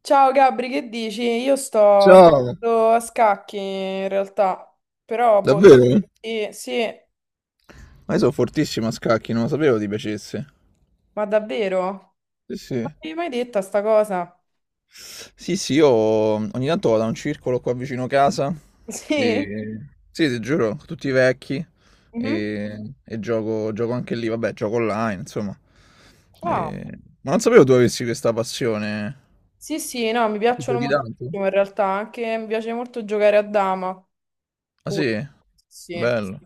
Ciao Gabri, che dici? Io sto Ciao, giocando a scacchi in realtà, però boh, davvero? sì, sì, Ma io sono fortissimo a scacchi, non lo sapevo ti piacesse. ma davvero? Non Sì, sì. mi hai mai detta sta cosa? Sì, sì, io ogni tanto vado a un circolo qua vicino casa Sì? e... Sì, ti giuro, tutti vecchi Mhm. e gioco, gioco anche lì, vabbè, gioco online, insomma. Ah, Ma non sapevo tu avessi questa passione. sì, sì, no, mi Tu piacciono giochi tanto? moltissimo in realtà, anche mi piace molto giocare a dama, Ah pure, sì? sì, Bello.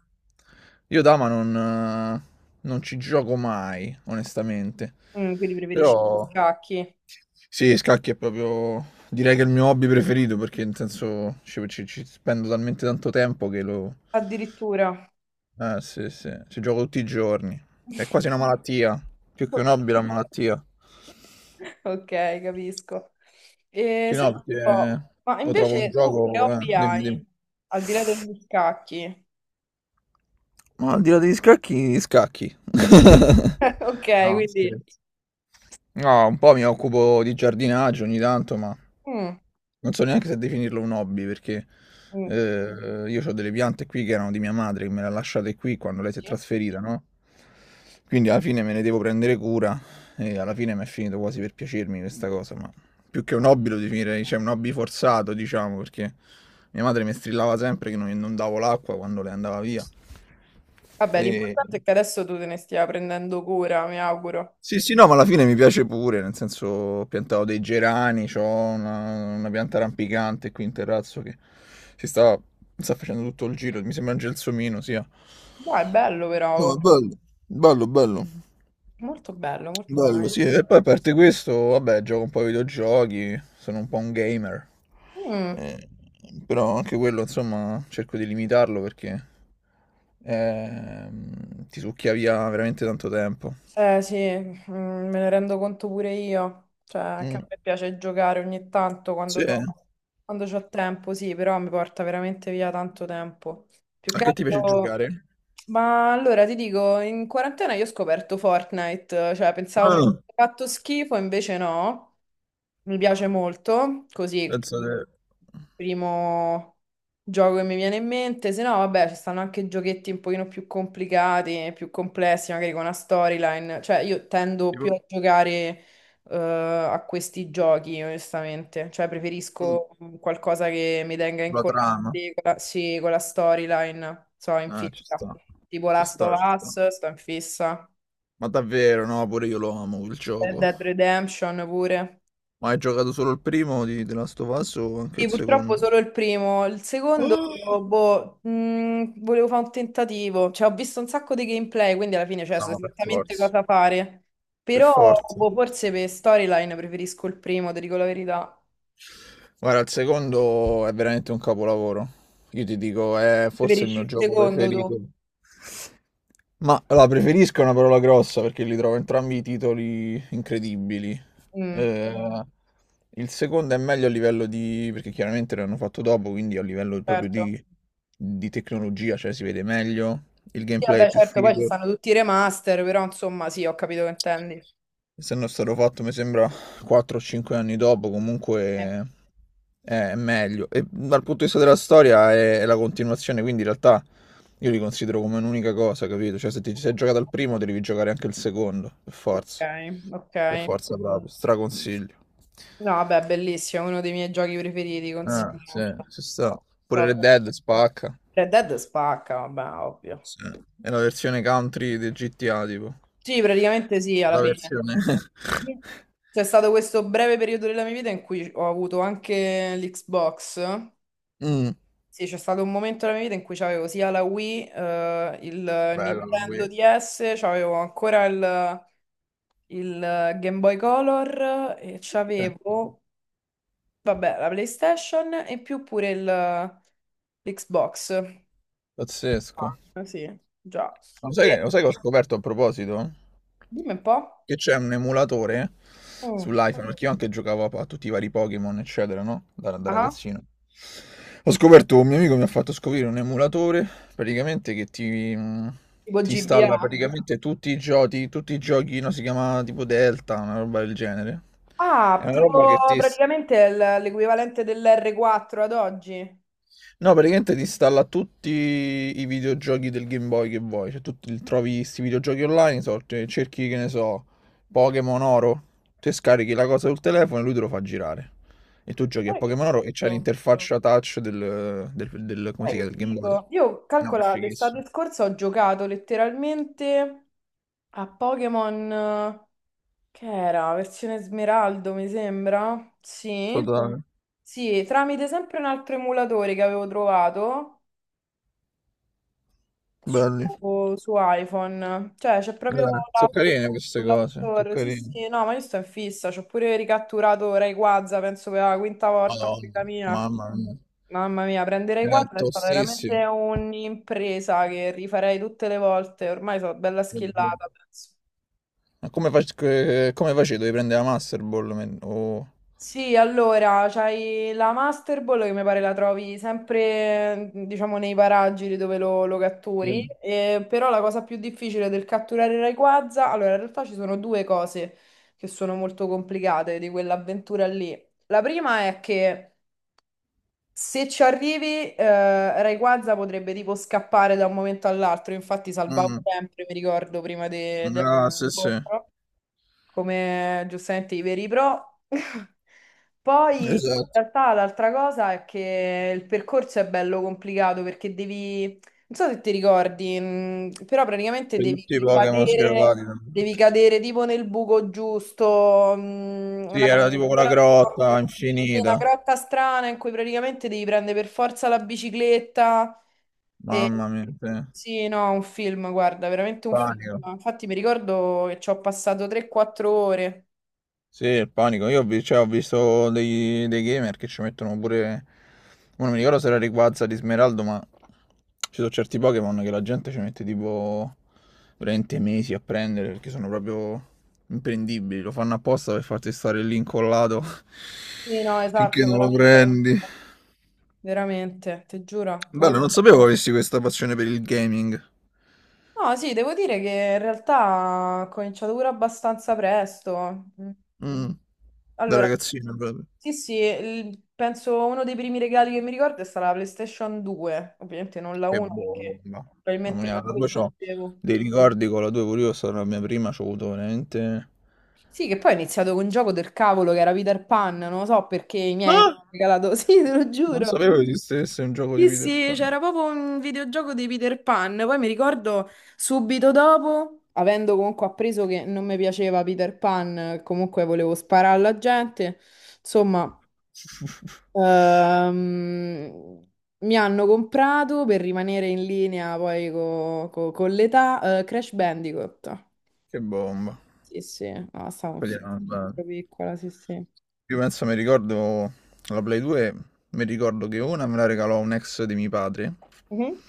Io dama non, non ci gioco mai, onestamente. Quindi preferisci gli Però... scacchi, Sì, scacchi è proprio, direi che è il mio hobby preferito perché nel senso ci spendo talmente tanto tempo che lo... addirittura. Eh sì, sì, ci gioco tutti i giorni. È quasi una malattia, più che Ok. un hobby è una malattia. Ok, capisco. E, Sì, senti no, un perché po', ma lo trovo un invece tu che gioco... hobby dimmi, hai? dimmi. Al di là degli scacchi. Ma al di là degli scacchi, gli scacchi. Ok, No, quindi, scherzo. No, un po' mi occupo di giardinaggio ogni tanto, ma mm, non so neanche se definirlo un hobby perché mm, io ho delle piante qui che erano di mia madre, che me le ha lasciate qui quando lei si è sì. trasferita, no? Quindi alla fine me ne devo prendere cura e alla fine mi è finito quasi per piacermi questa cosa, ma più che un hobby lo definirei, cioè un hobby forzato, diciamo, perché mia madre mi strillava sempre che non, non davo l'acqua quando lei andava via. Vabbè, E... l'importante è che adesso tu te ne stia prendendo cura, mi auguro. Sì, sì, no, ma alla fine mi piace pure, nel senso ho piantato dei gerani, c'ho una pianta rampicante qui in terrazzo che si sta, sta facendo tutto il giro, mi sembra un gelsomino, sia. Dai, è bello però, No, è oh. bello, bello, bello. Molto bello, molto Bello, sì, e poi a parte questo, vabbè, gioco un po' ai videogiochi, sono un po' un gamer. bello. Eh, però anche quello, insomma, cerco di limitarlo perché ti succhia via veramente tanto tempo. Eh sì, me ne rendo conto pure io, cioè che a Mm. me piace giocare ogni tanto quando Sì, c'ho, quando c'ho tempo, sì, però mi porta veramente via tanto tempo. Più a che che ti piace altro, giocare? ma allora ti dico, in quarantena io ho scoperto Fortnite, cioè pensavo mi avesse Ah, fatto schifo, invece no, mi piace molto, così penso che primo gioco che mi viene in mente, se no, vabbè, ci stanno anche giochetti un pochino più complicati, più complessi, magari con una storyline. Cioè, io tendo più tipo a giocare a questi giochi, onestamente. Cioè, mm, preferisco qualcosa che mi tenga la incollato trama. con la, sì, con la storyline. So, in Ah, ci fissa. sta, Tipo ci Last sta, of ci sta. Us, sto in fissa. Ma davvero, no, pure io lo amo quel Red gioco. Dead Redemption pure. Ma hai giocato solo il primo di The Last of Us o anche Sì, il purtroppo secondo? solo il primo, il secondo, Ah. boh, volevo fare un tentativo, cioè ho visto un sacco di gameplay, quindi alla fine cioè, so No, per esattamente forza. cosa fare, Per però forza. boh, forse per storyline preferisco il primo, ti dico la verità, Guarda, il secondo è veramente un capolavoro. Io ti dico, è forse il preferisci mio il gioco secondo preferito. tu? Ma la preferisco è una parola grossa perché li trovo entrambi i titoli incredibili. Mm, Eh, il secondo è meglio a livello di... perché chiaramente l'hanno fatto dopo, quindi a livello proprio certo, di tecnologia, cioè si vede meglio, il sì gameplay è vabbè più certo, poi ci figo. stanno tutti i remaster, però insomma sì, ho capito che intendi. Essendo stato fatto, mi sembra, 4 o 5 anni dopo, Eh. comunque è meglio. E dal punto di vista della storia è la continuazione, quindi in realtà io li considero come un'unica cosa, capito? Cioè se ti sei giocato al primo, devi giocare anche il secondo, per Ok, forza. ok. Per forza, proprio, straconsiglio. No, vabbè, bellissimo, uno dei miei giochi preferiti, Ah, sì, considero. Cioè, ci sta. Pure so Red veramente Dead spacca. Red Dead spacca, vabbè, ovvio. Sì. È la versione country del GTA, tipo. Sì, praticamente sì, alla La fine. versione... Sì. C'è stato questo breve periodo della mia vita in cui ho avuto anche l'Xbox. Mm, Sì, c'è stato un momento della mia vita in cui c'avevo sia la Wii, il bella la Nintendo Wii. DS, c'avevo ancora il Game Boy Color e Sì. c'avevo, vabbè, la PlayStation e in più pure l'Xbox. Pazzesco. Ah, sì, già. E Lo sai che ho scoperto a proposito? dimmi un po'. Che c'è un emulatore Mm. sull'iPhone, perché io anche giocavo a tutti i vari Pokémon, eccetera, no? Da Ah. ragazzino. Ho scoperto, un mio amico mi ha fatto scoprire un emulatore, praticamente che ti, Tipo ti installa GBA? praticamente tutti i giochi, no? Si chiama tipo Delta, una roba del genere. È Ah, una roba che tipo ti, praticamente è l'equivalente dell'R4 ad oggi. no, praticamente ti installa tutti i videogiochi del Game Boy che vuoi, cioè trovi questi videogiochi online, so, cerchi che ne so, Pokémon Oro, te scarichi la cosa sul telefono e lui te lo fa girare. E tu giochi a Guarda che Pokémon Oro e c'hai figo. l'interfaccia touch del come si Guarda chiama, che del Game Boy. figo. Io No, è calcola, fighissimo. l'estate scorsa ho giocato letteralmente a Pokémon, che era? Versione Smeraldo, mi sembra. Sì. Totale. Sì, tramite sempre un altro emulatore che avevo trovato. su, Belli. su iPhone. Cioè, c'è proprio Sono l'app carine queste sull'App cose, sono Store. Sì, carine. sì, no, ma io sto in fissa. C'ho pure ricatturato Ray Quaza, penso per la quinta volta in Madonna, vita mia. mamma mia. Mamma mia, prendere Ray È Quaza è stata tostissimo. veramente un'impresa che rifarei tutte le volte. Ormai sono bella schillata, penso. Ma come, come facevi? Dovevi prendere la Master Ball? O... Sì, allora, c'hai la Master Ball che mi pare la trovi sempre, diciamo, nei paraggi dove lo catturi, Sì. Però la cosa più difficile del catturare il Rayquaza, allora, in realtà ci sono due cose che sono molto complicate di quell'avventura lì. La prima è che se ci arrivi, Rayquaza potrebbe tipo scappare da un momento all'altro, infatti salvavo Mh-mh. sempre, mi ricordo, prima Ah, sì, sì, dell'incontro come giustamente i veri pro. Poi in esatto, realtà l'altra cosa è che il percorso è bello complicato perché devi, non so se ti ricordi, però praticamente poi devi tutti i Pokémon sgravati. cadere, devi cadere tipo nel buco giusto, Sì, una cosa era tipo quella ancora più- grotta sì, una infinita. grotta strana in cui praticamente devi prendere per forza la bicicletta. E- Mamma mia, sì. sì, no, un film, guarda, veramente un film. Panico. Infatti mi ricordo che ci ho passato 3-4 ore. Sì, il panico. Io ho vi- cioè, Ho visto dei gamer che ci mettono pure. Mo Non mi ricordo se era Rayquaza di Smeraldo, ma ci sono certi Pokémon che la gente ci mette tipo 20 mesi a prendere perché sono proprio imprendibili. Lo fanno apposta per farti stare lì incollato Sì, no, finché esatto, non lo veramente. prendi. Veramente, ti giuro. No, Bello, sì, non sapevo avessi questa passione per il gaming. no, sì, devo dire che in realtà ho cominciato pure abbastanza presto. Mm. Mm, da Allora, ragazzino proprio. sì, sì, penso uno dei primi regali che mi ricordo è stata la PlayStation 2. Ovviamente non la Che 1 perché bomba. Mamma probabilmente mia, manco proprio c'ho esistevo. dei ricordi con la 2, pure io sono la mia prima, c'ho avuto veramente... Sì, che poi ho iniziato con un gioco del cavolo che era Peter Pan, non lo so perché i miei mi hanno Ah! regalato, sì, te lo Non giuro. sapevo che esistesse un gioco di Sì, Peter sì, Pan. c'era proprio un videogioco di Peter Pan, poi mi ricordo subito dopo, avendo comunque appreso che non mi piaceva Peter Pan, comunque volevo sparare alla gente, insomma, ehm, mi hanno comprato per rimanere in linea poi con l'età, Crash Bandicoot. Che bomba. Sì, sì, no, stavo in Quindi era una cosa- sempre piccola, sì, sì. Io penso, mi ricordo la Play 2, mi ricordo che una me la regalò un ex di mio padre Mhm.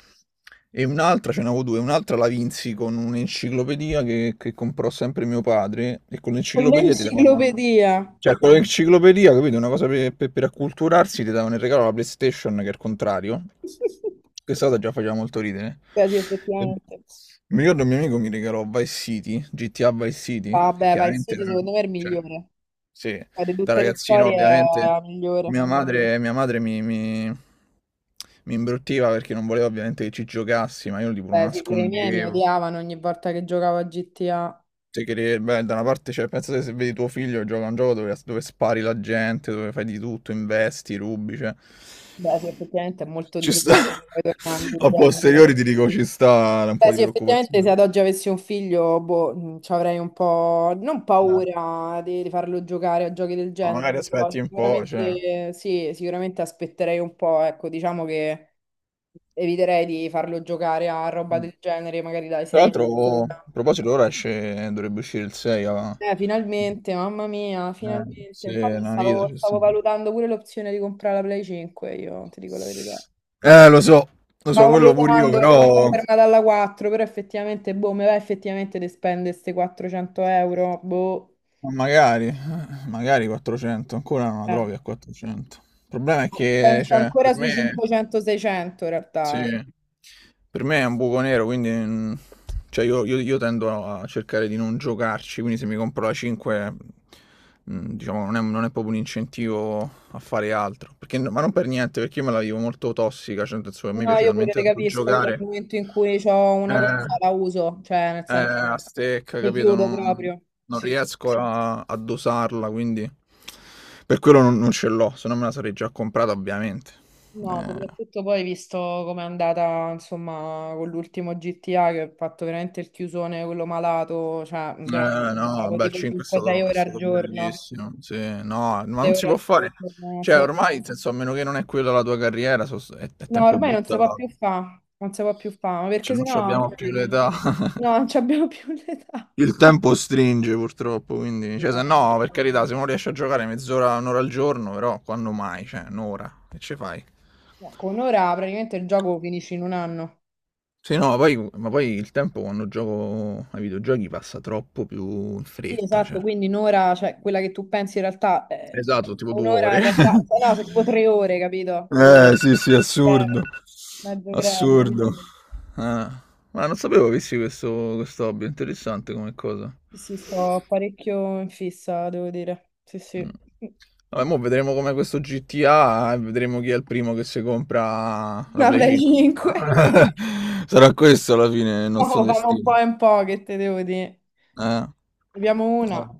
e un'altra, ce n'avevo due, un'altra la vinsi con un'enciclopedia che comprò sempre mio padre e con l'enciclopedia ti davano... L'enciclopedia. Cioè, con l'enciclopedia, capito? Una cosa per, per acculturarsi ti davano in regalo la PlayStation che è il contrario. Questa cosa già faceva molto ridere. Beh, sì, E- effettivamente. mi ricordo un mio amico mi regalò Vice City, GTA Vice City, e Vabbè, vai, chiaramente City da secondo me è il cioè, migliore. sì, Ma di da tutte le ragazzino storie è ovviamente la migliore. mia madre mi imbruttiva perché non voleva ovviamente che ci giocassi, ma io tipo lo Beh, sì, pure i miei mi nascondevo. odiavano ogni volta che giocavo a GTA. Te cre beh, da una parte cioè pensa te se vedi tuo figlio che gioca a un gioco dove spari la gente, dove fai di tutto, investi, rubi, cioè Beh, sì, effettivamente è molto ci sta. disappointing tornando A indietro. posteriori ti dico ci sta un Beh, po' di sì, effettivamente se preoccupazione. ad oggi avessi un figlio, boh, ci avrei un po', non Eh, paura di farlo giocare a giochi del ma genere, magari però aspetti un po', cioè. sicuramente sì, sicuramente aspetterei un po', ecco, diciamo che eviterei di farlo giocare a roba del genere, magari dai Tra 6. l'altro, a proposito, ora esce, dovrebbe uscire il 6 a... Finalmente, mamma mia, finalmente. se Infatti la vita stavo, c'è stavo sempre. valutando pure l'opzione di comprare la Play 5, io ti dico la verità. Eh, lo so, lo so, Stavo quello pure io, valutando perché mi sono però... fermata alla 4, però effettivamente, boh, mi va effettivamente di spendere queste 400 euro, boh. Magari, magari 400, ancora non la Eh. trovi a 400. Il problema è che, Penso cioè, ancora per sui me... 500-600 in Sì. realtà, eh. Per me è un buco nero, quindi mm, cioè io tendo a cercare di non giocarci, quindi se mi compro la 5, mm, diciamo, non è, non è proprio un incentivo a fare altro. Perché ma non per niente, perché io me la vivo molto tossica, cioè, nel senso che a me No, piace io pure talmente te tanto capisco, io dal giocare, momento in cui ho una eh, cosa la uso, cioè nel senso a stecca, mi capito? chiudo Non, proprio. non Sì. Sì. riesco a dosarla, quindi per quello non, non ce l'ho, se no me la sarei già comprata, ovviamente. No, Eh. soprattutto poi visto com'è andata, insomma, con l'ultimo GTA che ho fatto veramente il chiusone, quello malato, cioè veramente No, stavo beh, il tipo 5 5-6 è ore al stato giorno, bellissimo, sì, no, ma 6 non si ore può al fare, giorno, cioè insomma. ormai, nel senso, a meno che non è quella la tua carriera, è No, tempo ormai non si può buttato, più fare, non si può più fare, ma perché cioè non ci sennò, abbiamo cioè, più l'età, no, non ci abbiamo più l'età. il tempo stringe purtroppo, quindi, Sì, cioè no, se no, per carità, se uno riesce a giocare mezz'ora, un'ora al giorno, però quando mai, cioè un'ora, che ci fai? no, con ora praticamente il gioco finisce in un anno. Sì, no, ma poi il tempo quando gioco ai videogiochi passa troppo più in Sì, fretta, esatto, cioè. quindi un'ora, cioè quella che tu pensi in realtà, Esatto, tipo due un'ora in ore. realtà, cioè, no, sono tipo 3 ore, capito? Sì, sì, Breve, assurdo. mezzo greve. Assurdo. Ah, ma non sapevo avessi questo, questo hobby, interessante come cosa. Sì, sì, sto parecchio in fissa, devo dire. Sì, Mm. sì. Vabbè, mo vedremo come questo GTA e vedremo chi è il primo che si compra la Una Play Play 5. 5. Sarà questo alla fine il nostro No, fanno un po' destino. e un po', che te devo dire. Eh. Ne abbiamo No. una.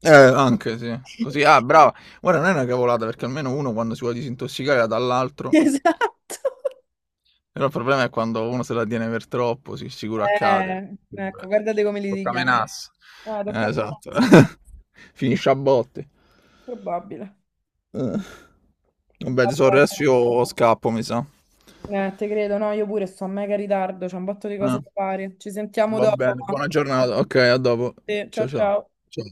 Anche sì. Così, ah, brava. Guarda, non è una cavolata perché almeno uno quando si vuole disintossicare dà all'altro. Esatto. Però il problema è quando uno se la tiene per troppo, si sicuro accade. Ecco, Figurati. guardate come li Tocca litighiamo. menasse. Ah, tocca a me. Esatto. Finisce a botte. Probabile. Eh. Vabbè, Vabbè. tesoro, adesso io scappo, mi sa. Te credo, no, io pure sto a mega ritardo, c'è un botto di cose Eh, da fare. Ci sentiamo va dopo. bene, buona giornata. Ok, a dopo. Sì, ciao Ciao ciao. ciao. Ciao.